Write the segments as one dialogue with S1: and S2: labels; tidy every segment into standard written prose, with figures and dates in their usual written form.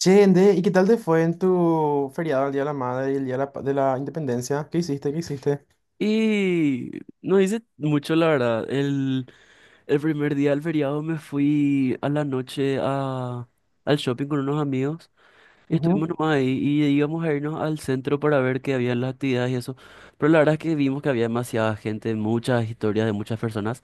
S1: Che, Ende, ¿y qué tal te fue en tu feriado el Día de la Madre y el Día de la Independencia? ¿Qué hiciste? ¿Qué hiciste?
S2: Y no hice mucho, la verdad. El primer día del feriado me fui a la noche al shopping con unos amigos. Y estuvimos
S1: Ujú.
S2: nomás ahí y íbamos a irnos al centro para ver qué había en las actividades y eso. Pero la verdad es que vimos que había demasiada gente, muchas historias de muchas personas.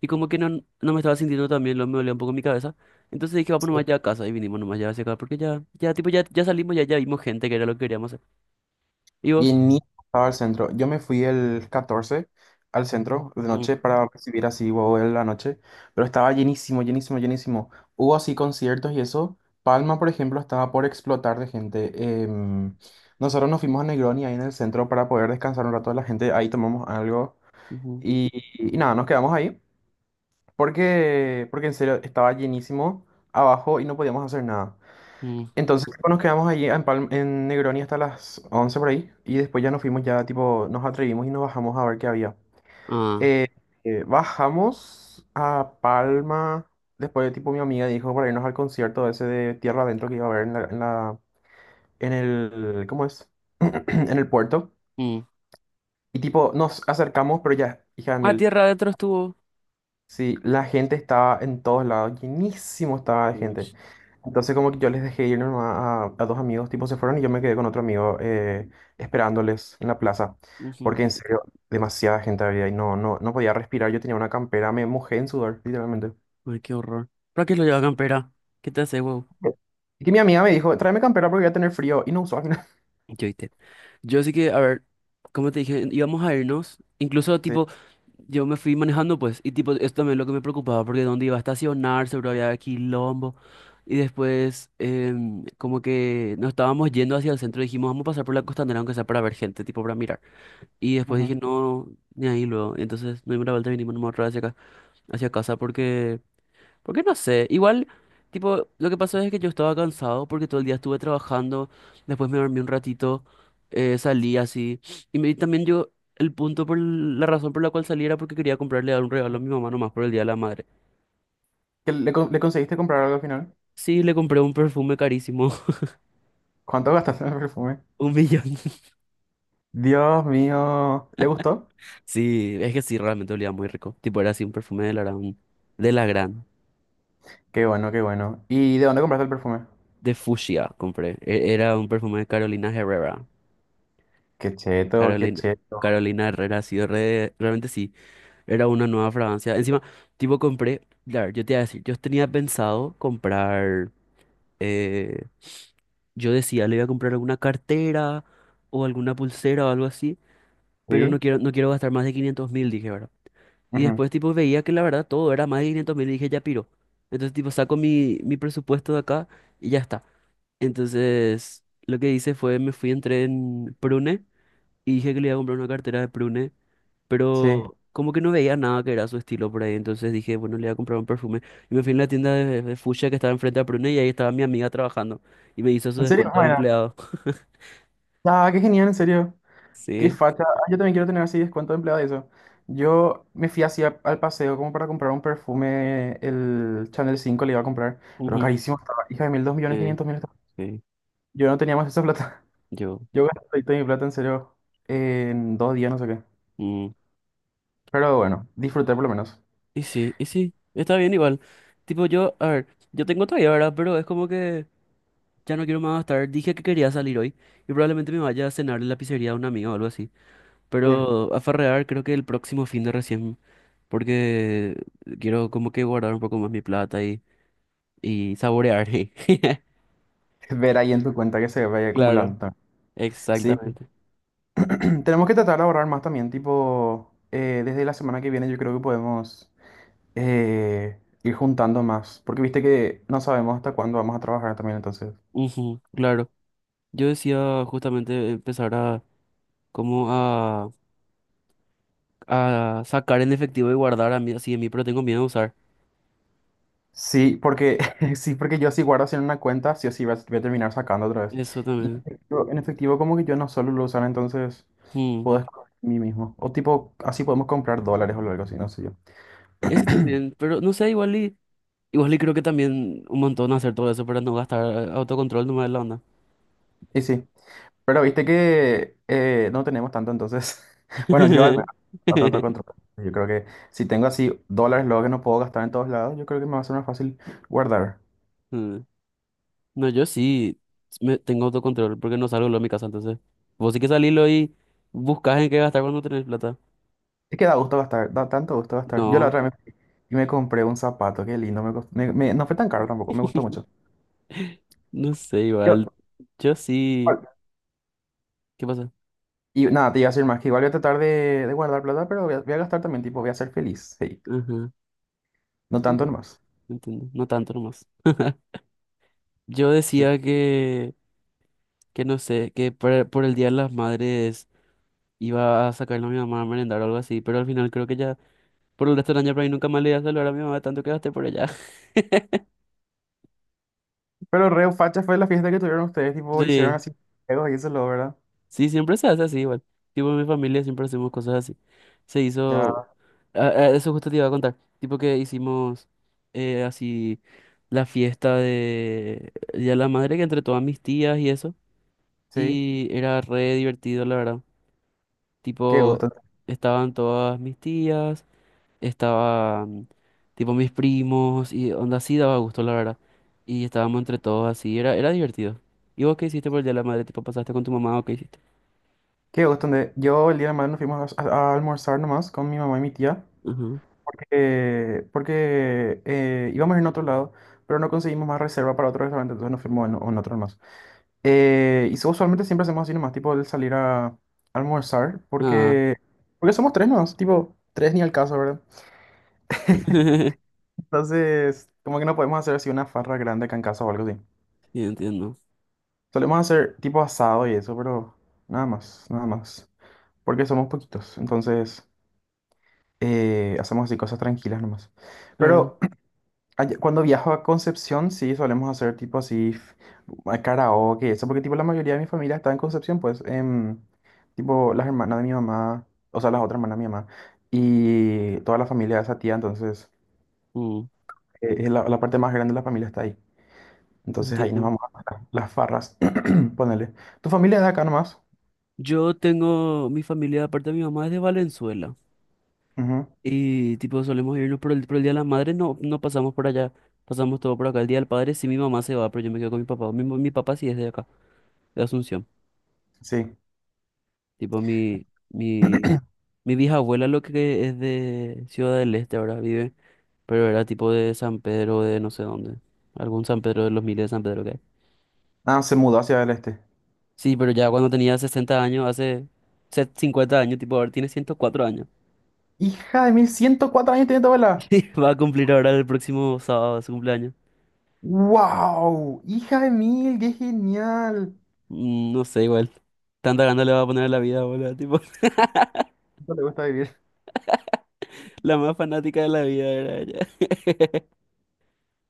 S2: Y como que no, no me estaba sintiendo tan bien, lo me dolía un poco mi cabeza. Entonces dije, vamos
S1: Sí.
S2: nomás ya a casa y vinimos nomás ya hacia acá porque ya, ya, tipo, ya, ya salimos, ya, ya vimos gente que era lo que queríamos hacer. ¿Y
S1: Y
S2: vos?
S1: ni estaba al centro. Yo me fui el 14 al centro de noche
S2: Mm,
S1: para recibir así huevo en la noche, pero estaba llenísimo, llenísimo, llenísimo. Hubo así conciertos y eso. Palma, por ejemplo, estaba por explotar de gente. Em, Nosotros nos fuimos a Negroni ahí en el centro para poder descansar un rato de la gente. Ahí tomamos algo
S2: ujú,
S1: y, y nada, nos quedamos ahí. Porque en serio estaba llenísimo abajo y no podíamos hacer nada.
S2: mm,
S1: Entonces tipo, nos quedamos allí en Negroni hasta las 11 por ahí, y después ya nos fuimos, ya tipo nos atrevimos y nos bajamos a ver qué había.
S2: ah.
S1: Eh, Bajamos a Palma, después tipo mi amiga dijo para irnos al concierto ese de Tierra Adentro que iba a haber en el, ¿cómo es? En el puerto. Y tipo nos acercamos, pero ya, hija de
S2: Ah,
S1: miel.
S2: tierra adentro estuvo.
S1: Sí, la gente estaba en todos lados, llenísimo estaba de
S2: Uy,
S1: gente. Entonces como que yo les dejé ir nomás a dos amigos, tipo se fueron y yo me quedé con otro amigo, esperándoles en la plaza,
S2: ujú.
S1: porque en serio, demasiada gente había y no podía respirar, yo tenía una campera, me mojé en sudor, literalmente.
S2: Ay, qué horror. ¿Para qué lo lleva campera? ¿Qué te hace, wow?
S1: Y que mi amiga me dijo, tráeme campera porque voy a tener frío y no usó al final.
S2: Yo, ¿viste? Yo sí que, a ver, como te dije, íbamos a irnos. Incluso,
S1: Sí.
S2: tipo, yo me fui manejando, pues, y, tipo, esto también es lo que me preocupaba, porque dónde iba a estacionar, seguro había quilombo. Y después, como que nos estábamos yendo hacia el centro, dijimos, vamos a pasar por la costanera, aunque sea para ver gente, tipo, para mirar. Y después dije,
S1: Ujú.
S2: no, ni ahí luego. Y entonces, no dimos la vuelta y vinimos nomás otra vez hacia acá, hacia casa, porque. Porque no sé, igual, tipo, lo que pasó es que yo estaba cansado porque todo el día estuve trabajando, después me dormí un ratito, salí así, y, me, y también yo, el punto por la razón por la cual salí era porque quería comprarle un regalo a mi mamá nomás por el Día de la Madre.
S1: ¿Que le conseguiste comprar algo al final?
S2: Sí, le compré un perfume carísimo.
S1: ¿Cuánto gastaste en el perfume?
S2: 1.000.000.
S1: Dios mío, ¿le gustó?
S2: Sí, es que sí, realmente olía muy rico. Tipo, era así un perfume de la gran, de la gran,
S1: Qué bueno, qué bueno. ¿Y de dónde compraste el perfume?
S2: de fucsia compré. Era un perfume de Carolina Herrera.
S1: Qué cheto, qué
S2: Carolina,
S1: cheto.
S2: Carolina Herrera, sí, realmente sí. Era una nueva fragancia. Encima, tipo, compré. Claro, yo te iba a decir, yo tenía pensado comprar. eh, yo decía, le voy a comprar alguna cartera o alguna pulsera o algo así. Pero no
S1: Sí.
S2: quiero, no quiero gastar más de 500.000, dije, ¿verdad? Y
S1: Ujú.
S2: después, tipo, veía que la verdad todo era más de 500.000 y dije, ya piro. Entonces, tipo, saco mi presupuesto de acá y ya está. Entonces, lo que hice fue, me fui, entré en Prune y dije que le iba a comprar una cartera de Prune,
S1: Sí.
S2: pero como que no veía nada que era su estilo por ahí, entonces dije, bueno, le voy a comprar un perfume. Y me fui en la tienda de Fuchsia que estaba enfrente a Prune y ahí estaba mi amiga trabajando y me hizo su
S1: ¿En serio?
S2: descuento de
S1: Bueno,
S2: empleado.
S1: ah, qué genial, en serio. Qué
S2: Sí,
S1: facha. Ah, yo también quiero tener así descuento de empleado de eso. Yo me fui así al paseo como para comprar un perfume, el Chanel 5 le iba a comprar, pero
S2: ujú,
S1: carísimo estaba. Hija de mil, dos millones
S2: sí,
S1: quinientos mil estaba.
S2: sí,
S1: Yo no tenía más esa plata.
S2: yo.
S1: Yo gasté toda mi plata, en serio, en 2 días, no sé qué.
S2: Mm.
S1: Pero bueno, disfruté por lo menos.
S2: Y sí, está bien igual. Tipo, yo, a ver, yo tengo todavía, ¿verdad? Pero es como que ya no quiero más gastar. Dije que quería salir hoy y probablemente me vaya a cenar en la pizzería de un amigo o algo así.
S1: Sí.
S2: Pero a farrear creo que el próximo fin de recién porque quiero como que guardar un poco más mi plata y saborear. ¿Eh?
S1: Ver ahí en tu cuenta que se vaya
S2: Claro,
S1: acumulando. Sí.
S2: exactamente.
S1: Tenemos que tratar de ahorrar más también, tipo, desde la semana que viene yo creo que podemos, ir juntando más, porque viste que no sabemos hasta cuándo vamos a trabajar también, entonces.
S2: Ujú, claro. Yo decía justamente empezar a como a sacar en efectivo y guardar a mí así de mí, pero tengo miedo a usar.
S1: Sí, porque sí, porque yo si guardo así en una cuenta, sí o sí voy a, terminar sacando otra vez.
S2: Eso
S1: Y
S2: también.
S1: en efectivo como que yo no suelo lo usar, entonces
S2: Mm,
S1: puedo escoger mí mismo. O tipo, así podemos comprar dólares o algo así, no sé yo.
S2: ese también, pero no sé, igual y, igual y creo que también un montón hacer todo eso para no gastar, autocontrol nomás de la onda.
S1: Y sí, pero viste que no tenemos tanto, entonces. Bueno, yo al menos no trato de controlar. Yo creo que si tengo así dólares, luego que no puedo gastar en todos lados, yo creo que me va a ser más fácil guardar.
S2: Mm. No, yo sí me tengo autocontrol porque no salgo luego de mi casa, entonces. Vos sí que salílo y buscas en qué gastar cuando tenés plata.
S1: Es que da gusto gastar, da tanto gusto gastar. Yo la
S2: No,
S1: otra vez me compré un zapato, qué lindo, me, cost- me- me- no fue tan caro tampoco, me gustó mucho.
S2: no sé,
S1: Yo,
S2: igual. Yo sí.
S1: igual-
S2: ¿Qué pasa?
S1: y nada, te iba a decir más, que igual voy a tratar de guardar plata, pero voy a gastar también, tipo, voy a ser feliz, sí,
S2: Ajá.
S1: no
S2: Enti-
S1: tanto nomás.
S2: Entiendo. No tanto nomás. Yo
S1: Y-
S2: decía que no sé, que por el Día de las Madres iba a sacarle a mi mamá a merendar o algo así, pero al final creo que ya por el resto del año por ahí nunca más le iba a saludar a mi mamá tanto que gasté por ella.
S1: pero re facha fue la fiesta que tuvieron ustedes, tipo, hicieron
S2: Sí.
S1: así juegos y eso, lo, ¿verdad?
S2: Sí, siempre se hace así igual. Tipo, en mi familia siempre hacemos cosas así. Se hizo...
S1: Ya,
S2: ah, ah, eso justo te iba a contar. Tipo que hicimos así la fiesta de Día de la Madre que entre todas mis tías y eso.
S1: sí,
S2: Y era re divertido, la verdad.
S1: qué
S2: Tipo,
S1: gusto.
S2: estaban todas mis tías, estaban tipo mis primos y onda así daba gusto, la verdad. Y estábamos entre todos así, era, era divertido. ¿Y vos qué hiciste por el Día de la Madre? ¿Tipo pasaste con tu mamá o qué hiciste?
S1: Qué gusto. Ande. Yo el día de mañana nos fuimos a almorzar nomás con mi mamá y mi tía,
S2: Ajá.
S1: porque íbamos a ir a otro lado, pero no conseguimos más reserva para otro restaurante, entonces nos fuimos en otro nomás. Usualmente siempre hacemos así nomás, tipo el salir a almorzar, porque somos tres nomás, tipo tres ni al caso, ¿verdad? Entonces, como que no podemos hacer así una farra grande acá en casa o algo así.
S2: Sí, entiendo.
S1: Solemos hacer tipo asado y eso, pero nada más, nada más, porque somos poquitos, entonces... hacemos así cosas tranquilas nomás.
S2: Claro.
S1: Pero cuando viajo a Concepción, sí solemos hacer tipo así karaoke, eso, porque tipo la mayoría de mi familia está en Concepción, pues, tipo las hermanas de mi mamá, o sea, las otras hermanas de mi mamá, y toda la familia de esa tía, entonces,
S2: Mm,
S1: es la parte más grande de la familia está ahí. Entonces ahí nos
S2: entiendo.
S1: vamos a las farras, ponele. ¿Tu familia es de acá nomás?
S2: Yo tengo mi familia, aparte de mi mamá, es de Valenzuela.
S1: Ujú.
S2: Y tipo, solemos irnos por el Día de la Madre, no, no pasamos por allá. Pasamos todo por acá. El Día del Padre, sí, mi mamá se va, pero yo me quedo con mi papá. Mi papá sí es de acá, de Asunción.
S1: Sí.
S2: Tipo, mi vieja abuela lo que es de Ciudad del Este ahora vive, pero era tipo de San Pedro, de no sé dónde. Algún San Pedro de los miles de San Pedro.
S1: Ah, se mudó hacia el este.
S2: Sí, pero ya cuando tenía 60 años, hace 50 años, tipo, ahora tiene 104 años.
S1: Hija de mil, 104 años tiene tu abuela.
S2: Sí, va a cumplir ahora el próximo sábado su cumpleaños.
S1: ¡Wow! ¡Hija de mil! ¡Qué genial!
S2: Mm, no sé, igual. Tanta gana le va a poner a la vida, boludo. Tipo,
S1: No le gusta vivir.
S2: la más fanática de la vida era ella.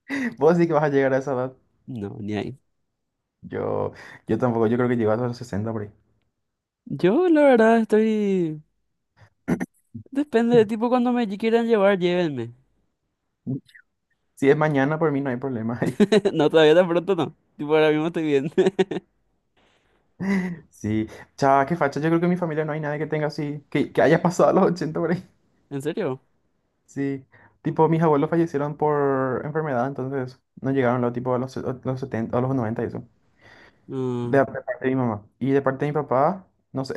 S1: Vos sí que vas a llegar a esa edad.
S2: No, ni ahí.
S1: Yo, yo tampoco, yo creo que llego a los 60, por ahí.
S2: Yo, la verdad, estoy... Depende de tipo cuando me quieran llevar, llévenme.
S1: Si es mañana, por mí no hay problema.
S2: No, todavía tan pronto no. Tipo, ahora mismo estoy bien.
S1: Sí. Chava, qué facha. Yo creo que en mi familia no hay nadie que tenga así, que haya pasado a los 80, por ahí.
S2: ¿En serio?
S1: Sí. Tipo, mis abuelos fallecieron por enfermedad, entonces no llegaron lo, tipo, a los, se- a los 70, a los 90 y eso. De,
S2: Mm,
S1: de parte de mi mamá. Y de parte de mi papá, no sé,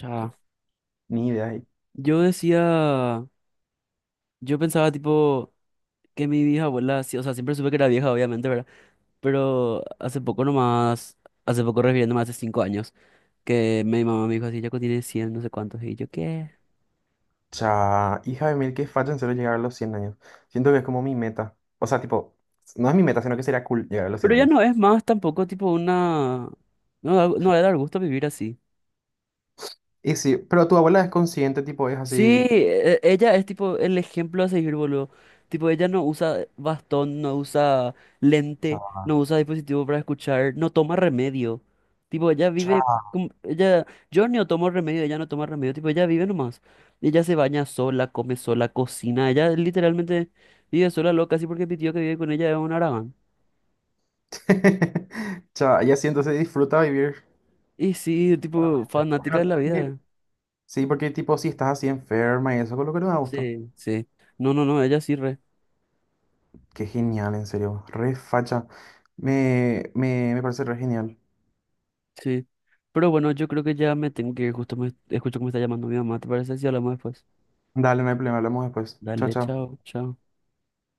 S2: ya.
S1: ni idea.
S2: Yo decía... Yo pensaba, tipo, que mi vieja abuela... sí, o sea, siempre supe que era vieja, obviamente, ¿verdad? Pero hace poco nomás, hace poco refiriéndome hace 5 años, que mi mamá me dijo así, Yaco tiene 100 no sé cuántos, y yo, ¿qué?
S1: O sea, hija de mil, que facha en serio llegar a los 100 años. Siento que es como mi meta. O sea, tipo, no es mi meta, sino que sería cool llegar a los
S2: Pero
S1: cien
S2: ya
S1: años.
S2: no es más tampoco tipo una... No, no debe dar gusto vivir así.
S1: Y sí, pero tu abuela es consciente, tipo, es
S2: Sí,
S1: así.
S2: ella es tipo el ejemplo a seguir, boludo. Tipo, ella no usa bastón, no usa
S1: Cha,
S2: lente, no usa dispositivo para escuchar, no toma remedio. Tipo, ella vive
S1: cha.
S2: como- ella, yo no tomo remedio, ella no toma remedio, tipo, ella vive nomás. Ella se baña sola, come sola, cocina, ella literalmente vive sola loca, así porque mi tío que vive con ella es un aragán.
S1: Cha, ella sí, entonces disfruta vivir.
S2: Y sí, tipo, fanática de
S1: Bueno,
S2: la vida.
S1: sí, porque tipo, si estás así enferma y eso, con lo que no da gusto.
S2: Sí, sí. No, no, no, ella sí, re.
S1: Qué genial, en serio. Re facha. Me parece re genial.
S2: Sí. Pero bueno, yo creo que ya me tengo que ir, justo me escucho que me está llamando mi mamá, ¿te parece? Si hablamos después.
S1: Dale, no hay problema, hablamos después. Chao,
S2: Dale,
S1: chao.
S2: chao, chao.